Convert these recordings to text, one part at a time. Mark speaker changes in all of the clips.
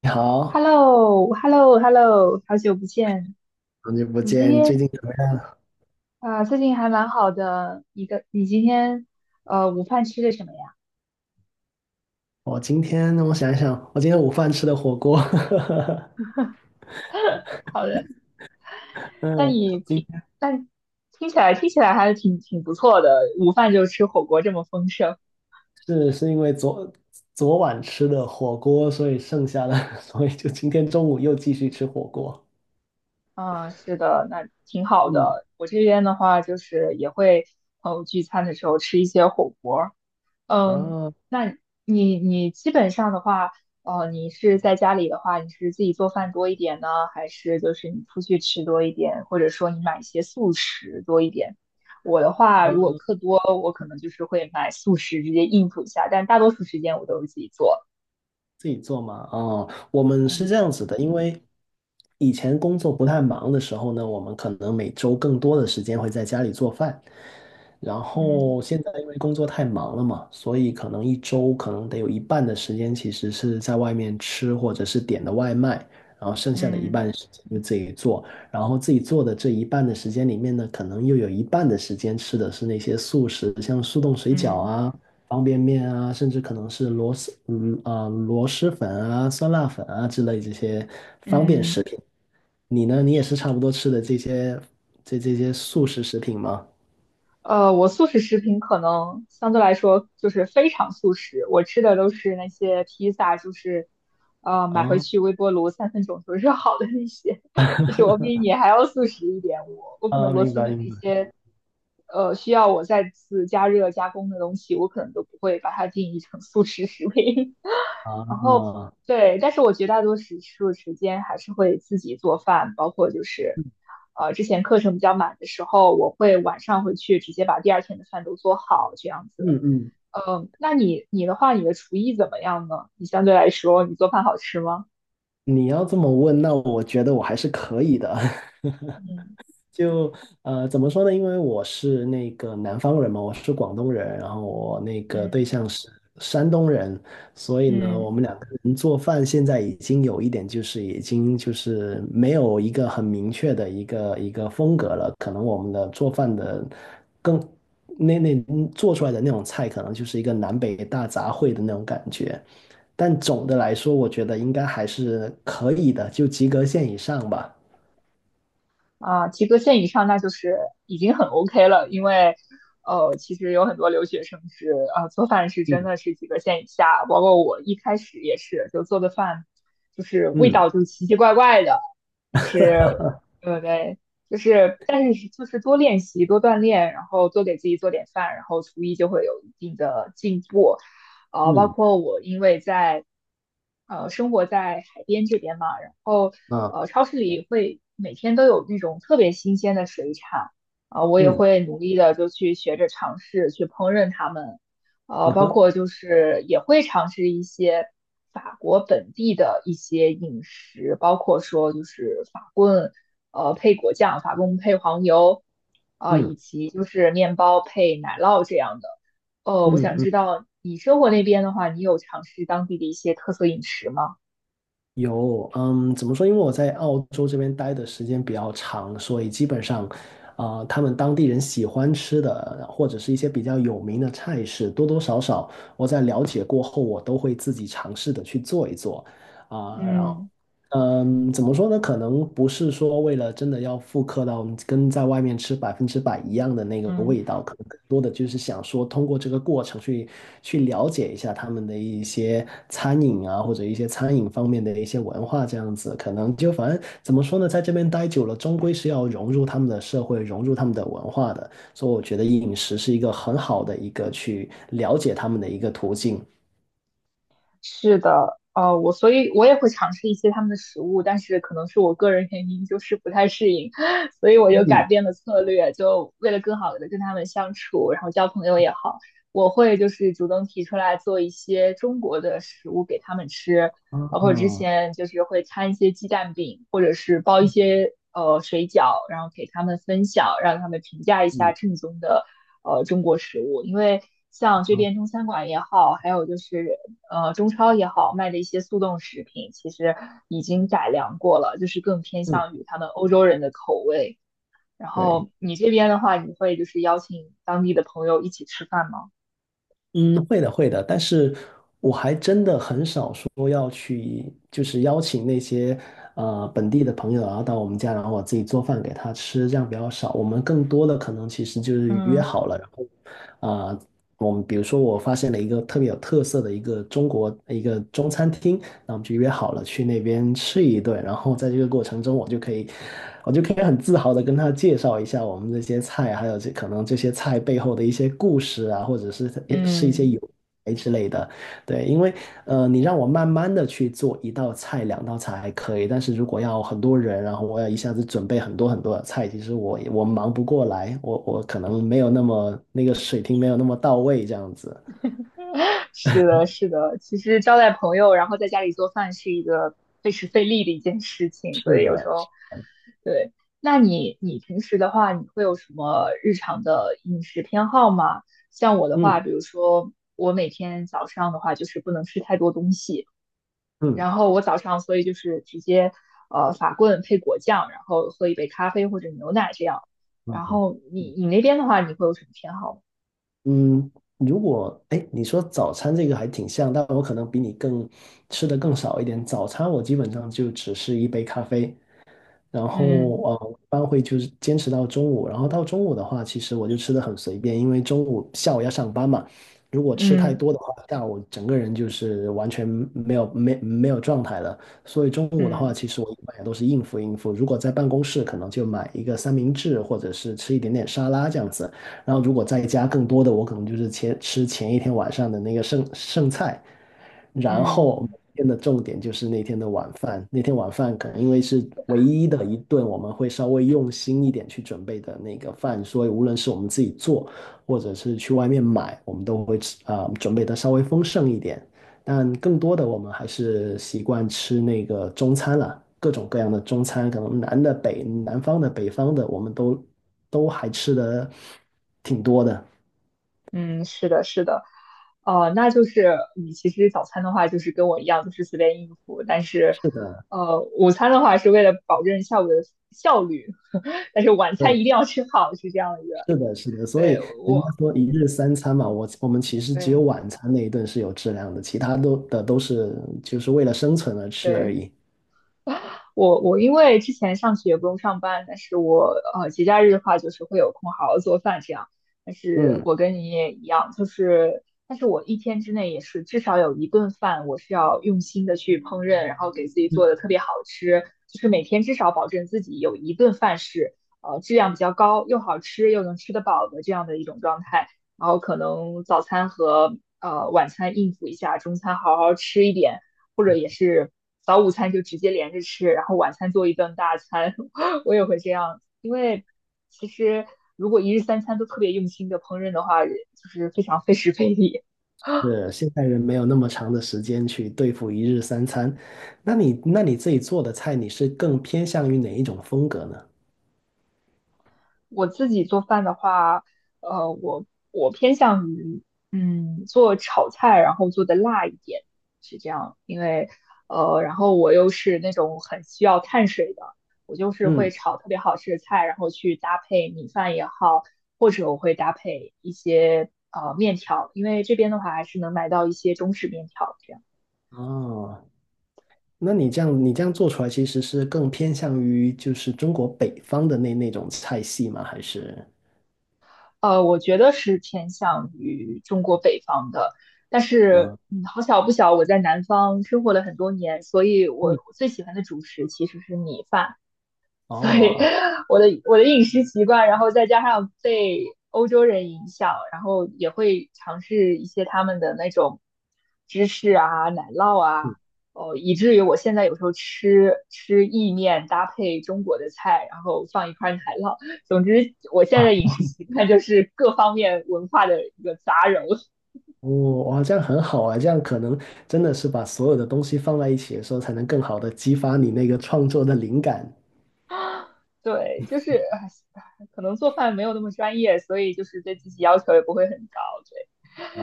Speaker 1: 你
Speaker 2: h e l
Speaker 1: 好，
Speaker 2: l o h e l l o h e l l o 好久不见！
Speaker 1: 好久不
Speaker 2: 你今
Speaker 1: 见，最
Speaker 2: 天
Speaker 1: 近怎么样？
Speaker 2: 啊、呃最近还蛮好的。你今天午饭吃的什么呀？
Speaker 1: 我今天我想一想，我今天午饭吃的火锅，
Speaker 2: 好的，那
Speaker 1: 嗯，
Speaker 2: 你
Speaker 1: 今
Speaker 2: 挺，
Speaker 1: 天
Speaker 2: 但听起来还是挺不错的。午饭就吃火锅这么丰盛，
Speaker 1: 是因为昨晚吃的火锅，所以剩下的，所以就今天中午又继续吃火锅。
Speaker 2: 嗯，是的，那挺好
Speaker 1: 嗯
Speaker 2: 的。我这边的话，就是也会朋友聚餐的时候吃一些火锅，嗯，
Speaker 1: 啊，
Speaker 2: 那你基本上的话，你是在家里的话，你是自己做饭多一点呢，还是就是你出去吃多一点，或者说你买一些速食多一点？我的话，如果课多，我可能就是会买速食直接应付一下，但大多数时间我都是自己做。
Speaker 1: 自己做嘛？哦，我们是这
Speaker 2: 嗯
Speaker 1: 样子的，因为以前工作不太忙的时候呢，我们可能每周更多的时间会在家里做饭，然
Speaker 2: 嗯
Speaker 1: 后现在因为工作太忙了嘛，所以可能一周可能得有一半的时间其实是在外面吃或者是点的外卖，然后剩下的一
Speaker 2: 嗯
Speaker 1: 半时间就自己做，然后自己做的这一半的时间里面呢，可能又有一半的时间吃的是那些速食，像速冻水饺
Speaker 2: 嗯
Speaker 1: 啊。方便面啊，甚至可能是螺蛳粉啊、酸辣粉啊之类这些方
Speaker 2: 嗯
Speaker 1: 便食
Speaker 2: 嗯。
Speaker 1: 品。你呢？你也是差不多吃的这些速食食品吗？
Speaker 2: 我素食食品可能相对来说就是非常素食，我吃的都是那些披萨，就是买回
Speaker 1: 啊
Speaker 2: 去微波炉3分钟就热好的那些，就是我比你还要素食一点。我可
Speaker 1: 啊，
Speaker 2: 能螺
Speaker 1: 明
Speaker 2: 蛳
Speaker 1: 白
Speaker 2: 粉
Speaker 1: 明
Speaker 2: 那
Speaker 1: 白
Speaker 2: 些需要我再次加热加工的东西，我可能都不会把它定义成素食食品。然后
Speaker 1: 啊，
Speaker 2: 对，但是我绝大多时数时间还是会自己做饭，包括就是，之前课程比较满的时候，我会晚上回去直接把第二天的饭都做好这样子。
Speaker 1: 嗯嗯，
Speaker 2: 那你的话，你的厨艺怎么样呢？你相对来说，你做饭好吃吗？
Speaker 1: 你要这么问，那我觉得我还是可以的。
Speaker 2: 嗯
Speaker 1: 就怎么说呢？因为我是那个南方人嘛，我是广东人，然后我那个对
Speaker 2: 嗯
Speaker 1: 象是山东人，所以呢，我
Speaker 2: 嗯。
Speaker 1: 们两个人做饭现在已经有一点就是已经就是没有一个很明确的一个风格了，可能我们的做饭的更那那做出来的那种菜，可能就是一个南北大杂烩的那种感觉。但总的来说，我觉得应该还是可以的，就及格线以上吧。
Speaker 2: 啊，及格线以上那就是已经很 OK 了，因为其实有很多留学生是啊，做饭是真
Speaker 1: 嗯
Speaker 2: 的是及格线以下，包括我一开始也是，就做的饭就是味
Speaker 1: 嗯。
Speaker 2: 道就是奇奇怪怪的，对对，就是，但是就是多练习、多锻炼，然后多给自己做点饭，然后厨艺就会有一定的进步。包
Speaker 1: 嗯
Speaker 2: 括我因为在生活在海边这边嘛，然后
Speaker 1: 啊，
Speaker 2: 超市里会每天都有那种特别新鲜的水产，啊、我也
Speaker 1: 嗯
Speaker 2: 会努力的就去学着尝试去烹饪它们，
Speaker 1: 嗯
Speaker 2: 包
Speaker 1: 哼，
Speaker 2: 括就是也会尝试一些法国本地的一些饮食，包括说就是法棍，配果酱，法棍配黄油，以
Speaker 1: 嗯
Speaker 2: 及就是面包配奶酪这样的。我
Speaker 1: 嗯
Speaker 2: 想
Speaker 1: 嗯，
Speaker 2: 知道你生活那边的话，你有尝试当地的一些特色饮食吗？
Speaker 1: 有，嗯，怎么说？因为我在澳洲这边待的时间比较长，所以基本上，啊、他们当地人喜欢吃的或者是一些比较有名的菜式，多多少少我在了解过后，我都会自己尝试的去做一做，啊、然后。
Speaker 2: 嗯
Speaker 1: 嗯，怎么说呢？可能不是说为了真的要复刻到跟在外面吃百分之百一样的那个
Speaker 2: 嗯。
Speaker 1: 味道，可能更多的就是想说通过这个过程去了解一下他们的一些餐饮啊，或者一些餐饮方面的一些文化这样子。可能就反正怎么说呢，在这边待久了，终归是要融入他们的社会，融入他们的文化的。所以我觉得饮食是一个很好的一个去了解他们的一个途径。
Speaker 2: 是的，我所以我也会尝试一些他们的食物，但是可能是我个人原因，就是不太适应，所以我就改
Speaker 1: 嗯，
Speaker 2: 变了策略，就为了更好的跟他们相处，然后交朋友也好，我会就是主动提出来做一些中国的食物给他们吃，
Speaker 1: 啊，
Speaker 2: 包
Speaker 1: 嗯，
Speaker 2: 括之
Speaker 1: 啊，
Speaker 2: 前就是会摊一些鸡蛋饼，或者是包一些水饺，然后给他们分享，让他们评价一下正宗的中国食物，因为。像这
Speaker 1: 好
Speaker 2: 边中餐馆也好，还有就是中超也好卖的一些速冻食品，其实已经改良过了，就是更偏
Speaker 1: 嗯，
Speaker 2: 向于他们欧洲人的口味。然
Speaker 1: 对。
Speaker 2: 后你这边的话，你会就是邀请当地的朋友一起吃饭吗？
Speaker 1: 嗯，会的，会的，但是我还真的很少说要去，就是邀请那些本地的朋友，啊到我们家，然后我自己做饭给他吃，这样比较少。我们更多的可能其实就是约
Speaker 2: 嗯
Speaker 1: 好了，然后啊、呃我们比如说，我发现了一个特别有特色的一个一个中餐厅，那我们就约好了去那边吃一顿。然后在这个过程中，我就可以，我就可以很自豪的跟他介绍一下我们这些菜，还有可能这些菜背后的一些故事啊，或者是是一些
Speaker 2: 嗯，
Speaker 1: 由来之类的。对，因为你让我慢慢的去做一道菜、两道菜还可以，但是如果要很多人，然后我要一下子准备很多很多的菜，其实我忙不过来，我可能没有那么那个水平没有那么到位，这样子。
Speaker 2: 是的，是的。其实招待朋友，然后在家里做饭是一个费时费力的一件事情，所
Speaker 1: 是
Speaker 2: 以有时
Speaker 1: 的，
Speaker 2: 候，对。那你平时的话，你会有什么日常的饮食偏好吗？像我的话，
Speaker 1: 嗯
Speaker 2: 比如说我每天早上的话，就是不能吃太多东西，
Speaker 1: 嗯
Speaker 2: 然后我早上所以就是直接法棍配果酱，然后喝一杯咖啡或者牛奶这样。
Speaker 1: 嗯
Speaker 2: 然
Speaker 1: 嗯，
Speaker 2: 后你那边的话，你会有什么偏好吗？
Speaker 1: 嗯如果哎，你说早餐这个还挺像，但我可能比你吃的更少一点。早餐我基本上就只是一杯咖啡，然后
Speaker 2: 嗯
Speaker 1: 我一般会就是坚持到中午，然后到中午的话，其实我就吃的很随便，因为中午下午要上班嘛，如果吃太
Speaker 2: 嗯
Speaker 1: 多的话，下午整个人就是完全没有状态了，所以中午的话，
Speaker 2: 嗯
Speaker 1: 其实我一般也都是应付应付。如果在办公室，可能就买一个三明治，或者是吃一点点沙拉这样子，然后如果在家更多的，我可能就是前一天晚上的那个剩菜。然后
Speaker 2: 嗯。
Speaker 1: 每天的重点就是那天的晚饭，那天晚饭可能因为是唯一的一顿我们会稍微用心一点去准备的那个饭，所以无论是我们自己做，或者是去外面买，我们都会准备的稍微丰盛一点。但更多的我们还是习惯吃那个中餐了，各种各样的中餐，可能南方的、北方的，我们都还吃的挺多的。
Speaker 2: 嗯，是的，是的，那就是你其实早餐的话，就是跟我一样，就是随便应付，但是，
Speaker 1: 是的，
Speaker 2: 午餐的话是为了保证下午的效率，但是晚餐一
Speaker 1: 对，
Speaker 2: 定要吃好，是这样一个。
Speaker 1: 是的，是的，所以
Speaker 2: 对，
Speaker 1: 人家说一日三餐嘛，我们其实只有
Speaker 2: 对，
Speaker 1: 晚餐那一顿是有质量的，其他都是就是为了生存而吃而
Speaker 2: 对。
Speaker 1: 已。
Speaker 2: 我因为之前上学不用上班，但是我节假日的话就是会有空好好做饭这样。但是
Speaker 1: 嗯，
Speaker 2: 我跟你也一样，就是但是我一天之内也是至少有一顿饭我是要用心的去烹饪，然后给自己做的特别好吃，就是每天至少保证自己有一顿饭是质量比较高，又好吃又能吃得饱的这样的一种状态。然后可能早餐和晚餐应付一下，中餐好好吃一点。或者也是早午餐就直接连着吃，然后晚餐做一顿大餐，我也会这样，因为其实如果一日三餐都特别用心的烹饪的话，就是非常费时费力。
Speaker 1: 是，现代人没有那么长的时间去对付一日三餐。那你自己做的菜，你是更偏向于哪一种风格呢？
Speaker 2: 我自己做饭的话，呃，我我偏向于做炒菜，然后做的辣一点，是这样。因为然后我又是那种很需要碳水的，我就是会
Speaker 1: 嗯，
Speaker 2: 炒特别好吃的菜，然后去搭配米饭也好，或者我会搭配一些面条，因为这边的话还是能买到一些中式面条这样。
Speaker 1: 哦，那你这样你这样做出来，其实是更偏向于就是中国北方的那种菜系吗？还是？
Speaker 2: 我觉得是偏向于中国北方的，但是
Speaker 1: 嗯
Speaker 2: 好巧不巧，我在南方生活了很多年，所以我
Speaker 1: 嗯，
Speaker 2: 我最喜欢的主食其实是米饭。所以
Speaker 1: 哦。
Speaker 2: 我的饮食习惯，然后再加上被欧洲人影响，然后也会尝试一些他们的那种芝士啊、奶酪啊，
Speaker 1: 嗯
Speaker 2: 哦，以至于我现在有时候吃意面搭配中国的菜，然后放一块奶酪。总之，我现在的饮食习惯就是各方面文化的一个杂糅。
Speaker 1: 哦，哇，这样很好啊！这样可能真的是把所有的东西放在一起的时候，才能更好的激发你那个创作的灵感
Speaker 2: 对，就是唉可能做饭没有那么专业，所以就是对自己要求也不会很高。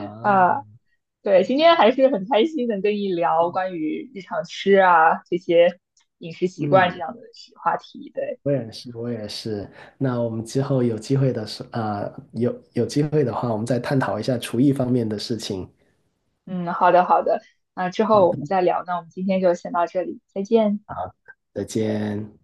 Speaker 2: 对啊，对，今天还是很开心能跟你聊关于日常吃啊这些饮食习惯这
Speaker 1: 嗯，
Speaker 2: 样的话题。对，
Speaker 1: 我也是，我也是。那我们之后有有机会的话，我们再探讨一下厨艺方面的事情。
Speaker 2: 嗯，好的好的，那之
Speaker 1: 好
Speaker 2: 后我
Speaker 1: 的，
Speaker 2: 们再聊。那我们今天就先到这里，再见。
Speaker 1: 好，再见。